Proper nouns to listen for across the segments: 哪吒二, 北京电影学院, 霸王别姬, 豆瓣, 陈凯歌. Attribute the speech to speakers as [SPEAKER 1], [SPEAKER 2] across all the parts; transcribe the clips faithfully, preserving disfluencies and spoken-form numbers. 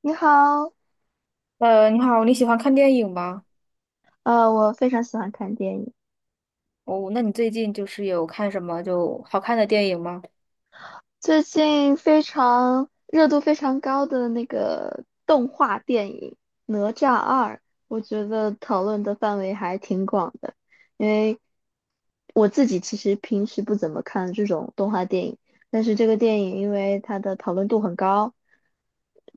[SPEAKER 1] 你好，
[SPEAKER 2] 呃，你好，你喜欢看电影吗？
[SPEAKER 1] 呃，我非常喜欢看电影。
[SPEAKER 2] 哦，那你最近就是有看什么就好看的电影吗？
[SPEAKER 1] 最近非常热度非常高的那个动画电影《哪吒二》，我觉得讨论的范围还挺广的。因为我自己其实平时不怎么看这种动画电影，但是这个电影因为它的讨论度很高，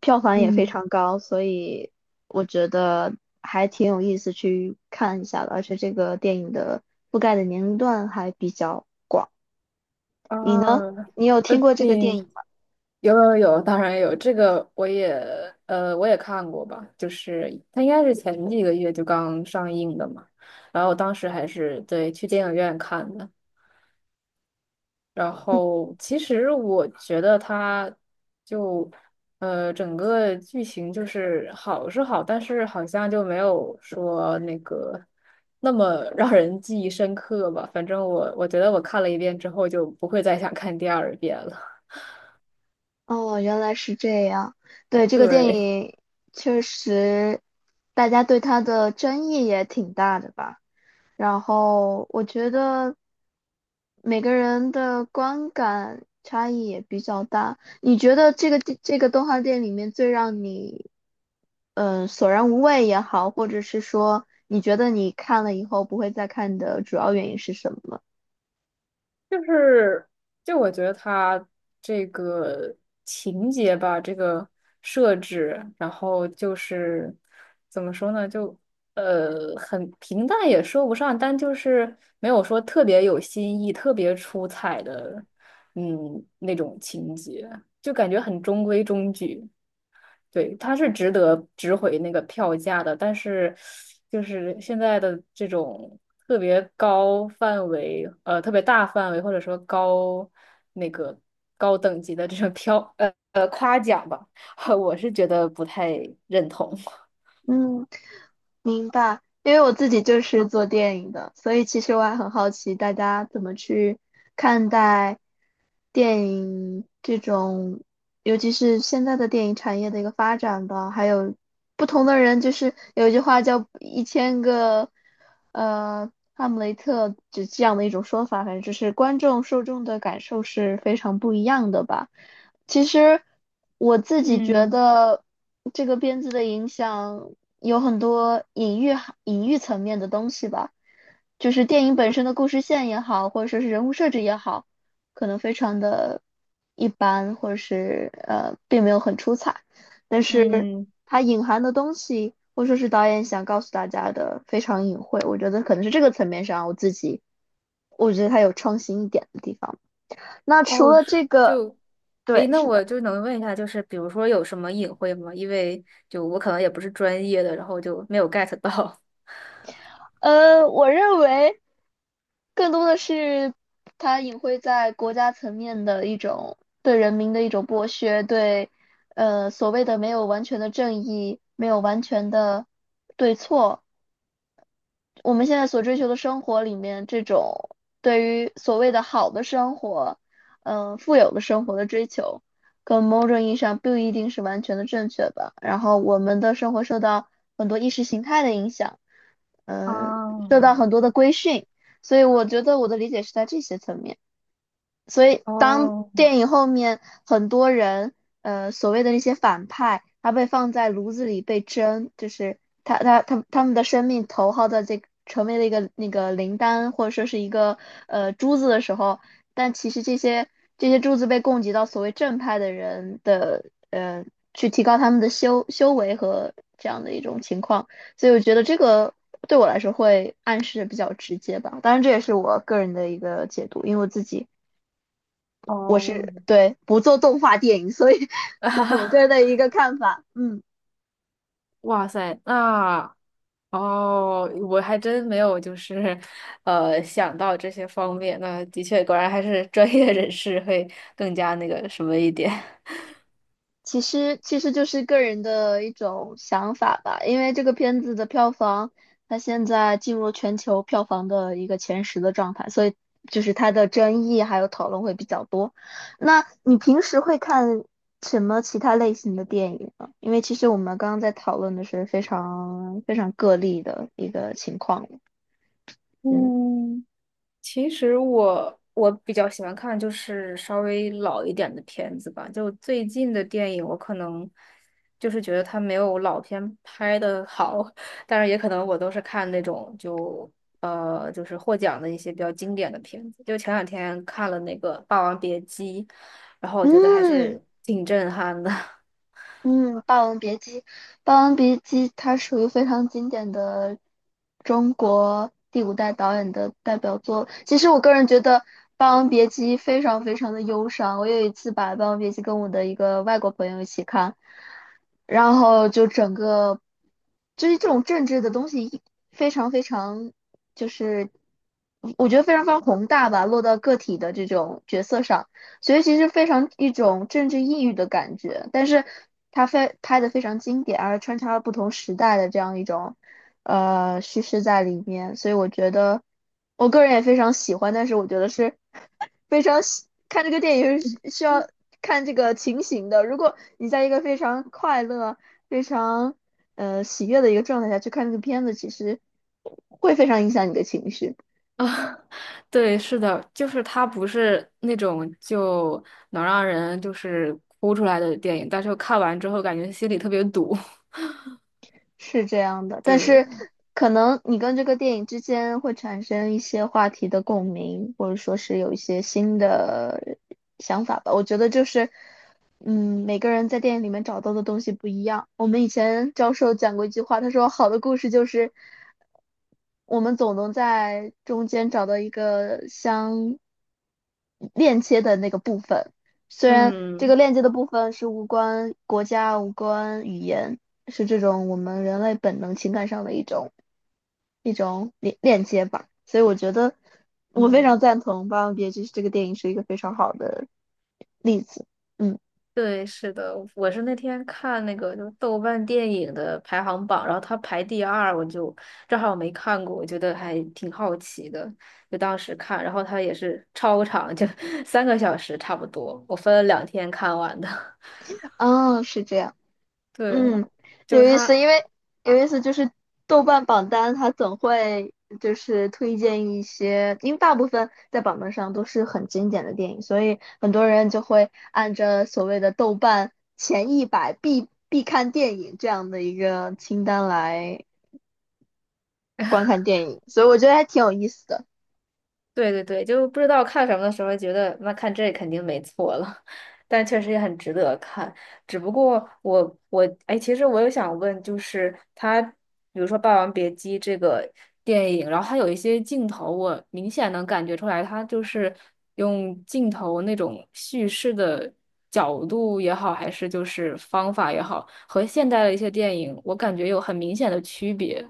[SPEAKER 1] 票房也非
[SPEAKER 2] 嗯。
[SPEAKER 1] 常高，所以我觉得还挺有意思去看一下的。而且这个电影的覆盖的年龄段还比较你呢？
[SPEAKER 2] 啊。
[SPEAKER 1] 你有
[SPEAKER 2] 呃，
[SPEAKER 1] 听过这个电
[SPEAKER 2] 你
[SPEAKER 1] 影吗？
[SPEAKER 2] 有有有，当然有，这个我也呃我也看过吧，就是它应该是前几个月就刚上映的嘛，然后我当时还是对去电影院看的，然
[SPEAKER 1] 嗯，
[SPEAKER 2] 后其实我觉得它就呃整个剧情就是好是好，但是好像就没有说那个那么让人记忆深刻吧。反正我我觉得我看了一遍之后就不会再想看第二遍了。
[SPEAKER 1] 哦，原来是这样。对，这个电
[SPEAKER 2] 对。
[SPEAKER 1] 影确实，大家对它的争议也挺大的吧。然后我觉得每个人的观感差异也比较大。你觉得这个电这个动画电影里面最让你嗯、呃索然无味也好，或者是说你觉得你看了以后不会再看的主要原因是什么？
[SPEAKER 2] 就是，就我觉得它这个情节吧，这个设置，然后就是怎么说呢，就呃很平淡也说不上，但就是没有说特别有新意、特别出彩的，嗯，那种情节，就感觉很中规中矩。对，它是值得值回那个票价的，但是就是现在的这种特别高范围，呃，特别大范围或者说高那个高等级的这种票，呃呃夸奖吧，我是觉得不太认同。
[SPEAKER 1] 嗯。明白，因为我自己就是做电影的，所以其实我还很好奇大家怎么去看待电影这种，尤其是现在的电影产业的一个发展吧，还有不同的人，就是有一句话叫一千个呃哈姆雷特，就这样的一种说法，反正就是观众受众的感受是非常不一样的吧。其实我自己觉
[SPEAKER 2] 嗯
[SPEAKER 1] 得，这个编剧的影响有很多隐喻含隐喻层面的东西吧，就是电影本身的故事线也好，或者说是人物设置也好，可能非常的一般，或者是呃，并没有很出彩，但是
[SPEAKER 2] 嗯，
[SPEAKER 1] 它隐含的东西，或者说是导演想告诉大家的，非常隐晦。我觉得可能是这个层面上，我自己我觉得它有创新一点的地方。那除
[SPEAKER 2] 哦，
[SPEAKER 1] 了
[SPEAKER 2] 是
[SPEAKER 1] 这个，
[SPEAKER 2] 就诶，
[SPEAKER 1] 对，
[SPEAKER 2] 那
[SPEAKER 1] 是
[SPEAKER 2] 我
[SPEAKER 1] 的。
[SPEAKER 2] 就能问一下，就是比如说有什么隐晦吗？因为就我可能也不是专业的，然后就没有 get 到。
[SPEAKER 1] 呃，我认为更多的是它隐晦在国家层面的一种对人民的一种剥削，对呃所谓的没有完全的正义，没有完全的对错，我们现在所追求的生活里面，这种对于所谓的好的生活，嗯，富有的生活的追求，跟某种意义上不一定是完全的正确吧。然后我们的生活受到很多意识形态的影响，嗯，受到
[SPEAKER 2] 哦
[SPEAKER 1] 很多的规训，所以我觉得我的理解是在这些层面。所以当
[SPEAKER 2] 哦
[SPEAKER 1] 电影后面很多人，呃，所谓的那些反派，他被放在炉子里被蒸，就是他他他他们的生命投靠在这个成为了一个那个灵丹或者说是一个呃珠子的时候，但其实这些这些珠子被供给到所谓正派的人的呃，去提高他们的修修为和这样的一种情况，所以我觉得这个。对我来说会暗示比较直接吧，当然这也是我个人的一个解读，因为我自己我
[SPEAKER 2] 哦，
[SPEAKER 1] 是对不做动画电影，所以
[SPEAKER 2] 啊
[SPEAKER 1] 这
[SPEAKER 2] 哈哈，
[SPEAKER 1] 是我个人
[SPEAKER 2] 啊，
[SPEAKER 1] 的一个看法。嗯，
[SPEAKER 2] 哇塞，那哦，我还真没有就是，呃，想到这些方面。那的确，果然还是专业人士会更加那个什么一点。
[SPEAKER 1] 其实其实就是个人的一种想法吧，因为这个片子的票房，它现在进入全球票房的一个前十的状态，所以就是它的争议还有讨论会比较多。那你平时会看什么其他类型的电影呢？因为其实我们刚刚在讨论的是非常非常个例的一个情况。嗯。
[SPEAKER 2] 嗯。其实我我比较喜欢看就是稍微老一点的片子吧，就最近的电影我可能就是觉得它没有老片拍的好，但是也可能我都是看那种就呃就是获奖的一些比较经典的片子，就前两天看了那个《霸王别姬》，然后我觉得还
[SPEAKER 1] 嗯，
[SPEAKER 2] 是挺震撼的。
[SPEAKER 1] 嗯，《霸王别姬》，《霸王别姬》它属于非常经典的中国第五代导演的代表作。其实我个人觉得《霸王别姬》非常非常的忧伤。我有一次把《霸王别姬》跟我的一个外国朋友一起看，然后就整个就是这种政治的东西一非常非常就是我觉得非常非常宏大吧，落到个体的这种角色上。所以其实非常一种政治抑郁的感觉，但是它非拍的非常经典，而穿插了不同时代的这样一种呃叙事在里面，所以我觉得我个人也非常喜欢，但是我觉得是非常喜看这个电影是需要看这个情形的，如果你在一个非常快乐、非常呃喜悦的一个状态下去看这个片子，其实会非常影响你的情绪。
[SPEAKER 2] 啊。对，是的，就是它不是那种就能让人就是哭出来的电影，但是看完之后感觉心里特别堵。
[SPEAKER 1] 是这样的，但是
[SPEAKER 2] 对。
[SPEAKER 1] 可能你跟这个电影之间会产生一些话题的共鸣，或者说是有一些新的想法吧。我觉得就是，嗯，每个人在电影里面找到的东西不一样。我们以前教授讲过一句话，他说好的故事就是，我们总能在中间找到一个相链接的那个部分。虽然这个
[SPEAKER 2] 嗯
[SPEAKER 1] 链接的部分是无关国家、无关语言，是这种我们人类本能情感上的一种一种链链接吧。所以我觉得我非常
[SPEAKER 2] 嗯，
[SPEAKER 1] 赞同《霸王别姬》这个电影是一个非常好的例子。嗯，
[SPEAKER 2] 对，是的，我是那天看那个就是豆瓣电影的排行榜，然后它排第二，我就正好没看过，我觉得还挺好奇的，就当时看，然后它也是超长，就 三个小时差不多，我分了两天看完的。
[SPEAKER 1] 啊，是这样。
[SPEAKER 2] 对，
[SPEAKER 1] 嗯，
[SPEAKER 2] 就
[SPEAKER 1] 有
[SPEAKER 2] 是
[SPEAKER 1] 意思，
[SPEAKER 2] 它。
[SPEAKER 1] 因为有意思就是豆瓣榜单它总会就是推荐一些，因为大部分在榜单上都是很经典的电影，所以很多人就会按着所谓的豆瓣前一百必必看电影这样的一个清单来观 看电影，所以我觉得还挺有意思的。
[SPEAKER 2] 对对对，就不知道看什么的时候，觉得那看这肯定没错了，但确实也很值得看。只不过我我哎，其实我有想问，就是他，比如说《霸王别姬》这个电影，然后它有一些镜头，我明显能感觉出来，它就是用镜头那种叙事的角度也好，还是就是方法也好，和现代的一些电影，我感觉有很明显的区别。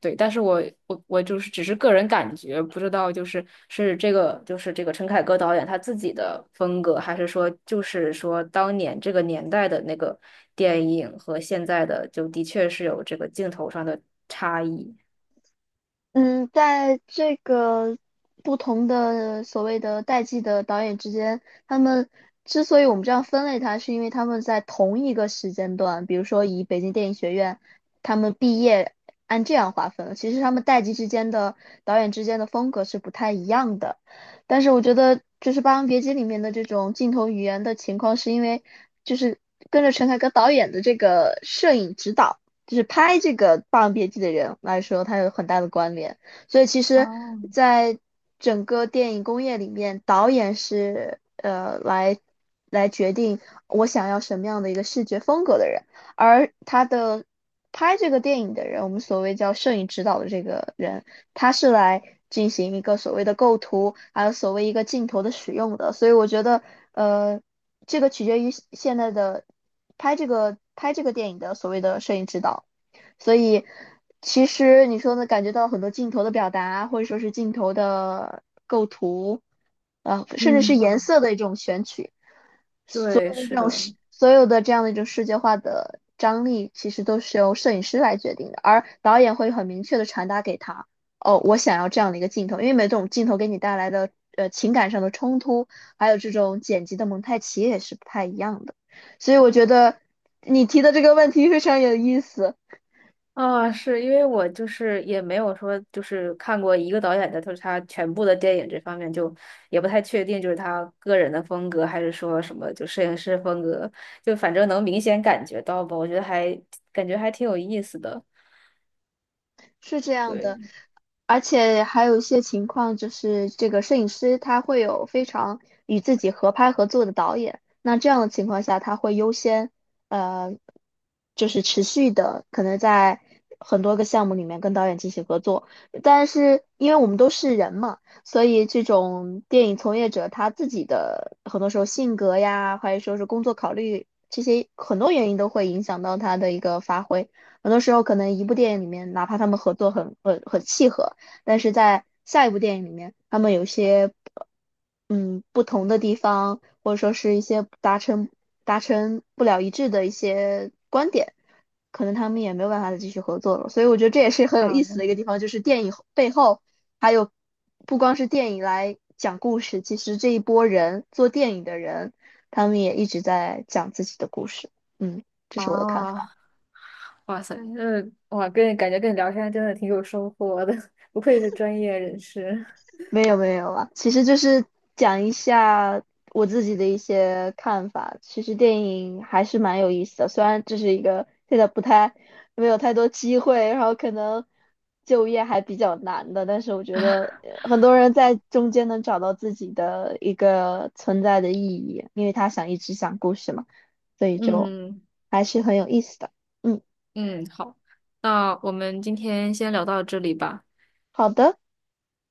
[SPEAKER 2] 对，但是我我我就是只是个人感觉，不知道就是是这个就是这个陈凯歌导演他自己的风格，还是说就是说当年这个年代的那个电影和现在的就的确是有这个镜头上的差异。
[SPEAKER 1] 嗯，在这个不同的所谓的代际的导演之间，他们之所以我们这样分类它，是因为他们在同一个时间段，比如说以北京电影学院他们毕业按这样划分，其实他们代际之间的导演之间的风格是不太一样的。但是我觉得就是《霸王别姬》里面的这种镜头语言的情况，是因为就是跟着陈凯歌导演的这个摄影指导。就是拍这个《霸王别姬》的人来说，它有很大的关联。所以其实，
[SPEAKER 2] 哦。
[SPEAKER 1] 在整个电影工业里面，导演是呃来来决定我想要什么样的一个视觉风格的人，而他的拍这个电影的人，我们所谓叫摄影指导的这个人，他是来进行一个所谓的构图，还有所谓一个镜头的使用的。所以我觉得，呃，这个取决于现在的拍这个拍这个电影的所谓的摄影指导，所以其实你说呢，感觉到很多镜头的表达，或者说是镜头的构图，呃，甚至是颜
[SPEAKER 2] 嗯。
[SPEAKER 1] 色的一种选取，所
[SPEAKER 2] 对，
[SPEAKER 1] 以这
[SPEAKER 2] 是
[SPEAKER 1] 种
[SPEAKER 2] 的。
[SPEAKER 1] 世所有的这样的一种世界化的张力，其实都是由摄影师来决定的，而导演会很明确的传达给他，哦，我想要这样的一个镜头，因为每种镜头给你带来的呃情感上的冲突，还有这种剪辑的蒙太奇也是不太一样的，所以我觉得你提的这个问题非常有意思，
[SPEAKER 2] 啊，是因为我就是也没有说就是看过一个导演的，就是他全部的电影这方面就也不太确定，就是他个人的风格还是说什么就摄影师风格，就反正能明显感觉到吧，我觉得还感觉还挺有意思的，
[SPEAKER 1] 是这样的。
[SPEAKER 2] 对。
[SPEAKER 1] 而且还有一些情况，就是这个摄影师他会有非常与自己合拍合作的导演，那这样的情况下，他会优先，呃，就是持续的可能在很多个项目里面跟导演进行合作。但是因为我们都是人嘛，所以这种电影从业者他自己的很多时候性格呀，或者说是工作考虑这些很多原因都会影响到他的一个发挥。很多时候可能一部电影里面，哪怕他们合作很很很契合。但是在下一部电影里面，他们有一些嗯不同的地方，或者说是一些达成达成不了一致的一些观点，可能他们也没有办法再继续合作了。所以我觉得这也是很有意思的
[SPEAKER 2] 啊
[SPEAKER 1] 一个地方，就是电影背后还有不光是电影来讲故事，其实这一波人做电影的人，他们也一直在讲自己的故事。嗯，这是我的看法。
[SPEAKER 2] 啊，哇塞，这哇，跟你感觉跟你聊天真的挺有收获的，不愧是专业人士。
[SPEAKER 1] 没有没有啊，其实就是讲一下我自己的一些看法。其实电影还是蛮有意思的，虽然这是一个现在不太没有太多机会，然后可能就业还比较难的，但是我觉得呃很多人在中间能找到自己的一个存在的意义，因为他想一直讲故事嘛，所以就
[SPEAKER 2] 嗯
[SPEAKER 1] 还是很有意思的。嗯，
[SPEAKER 2] 嗯，好，那我们今天先聊到这里吧。
[SPEAKER 1] 好的。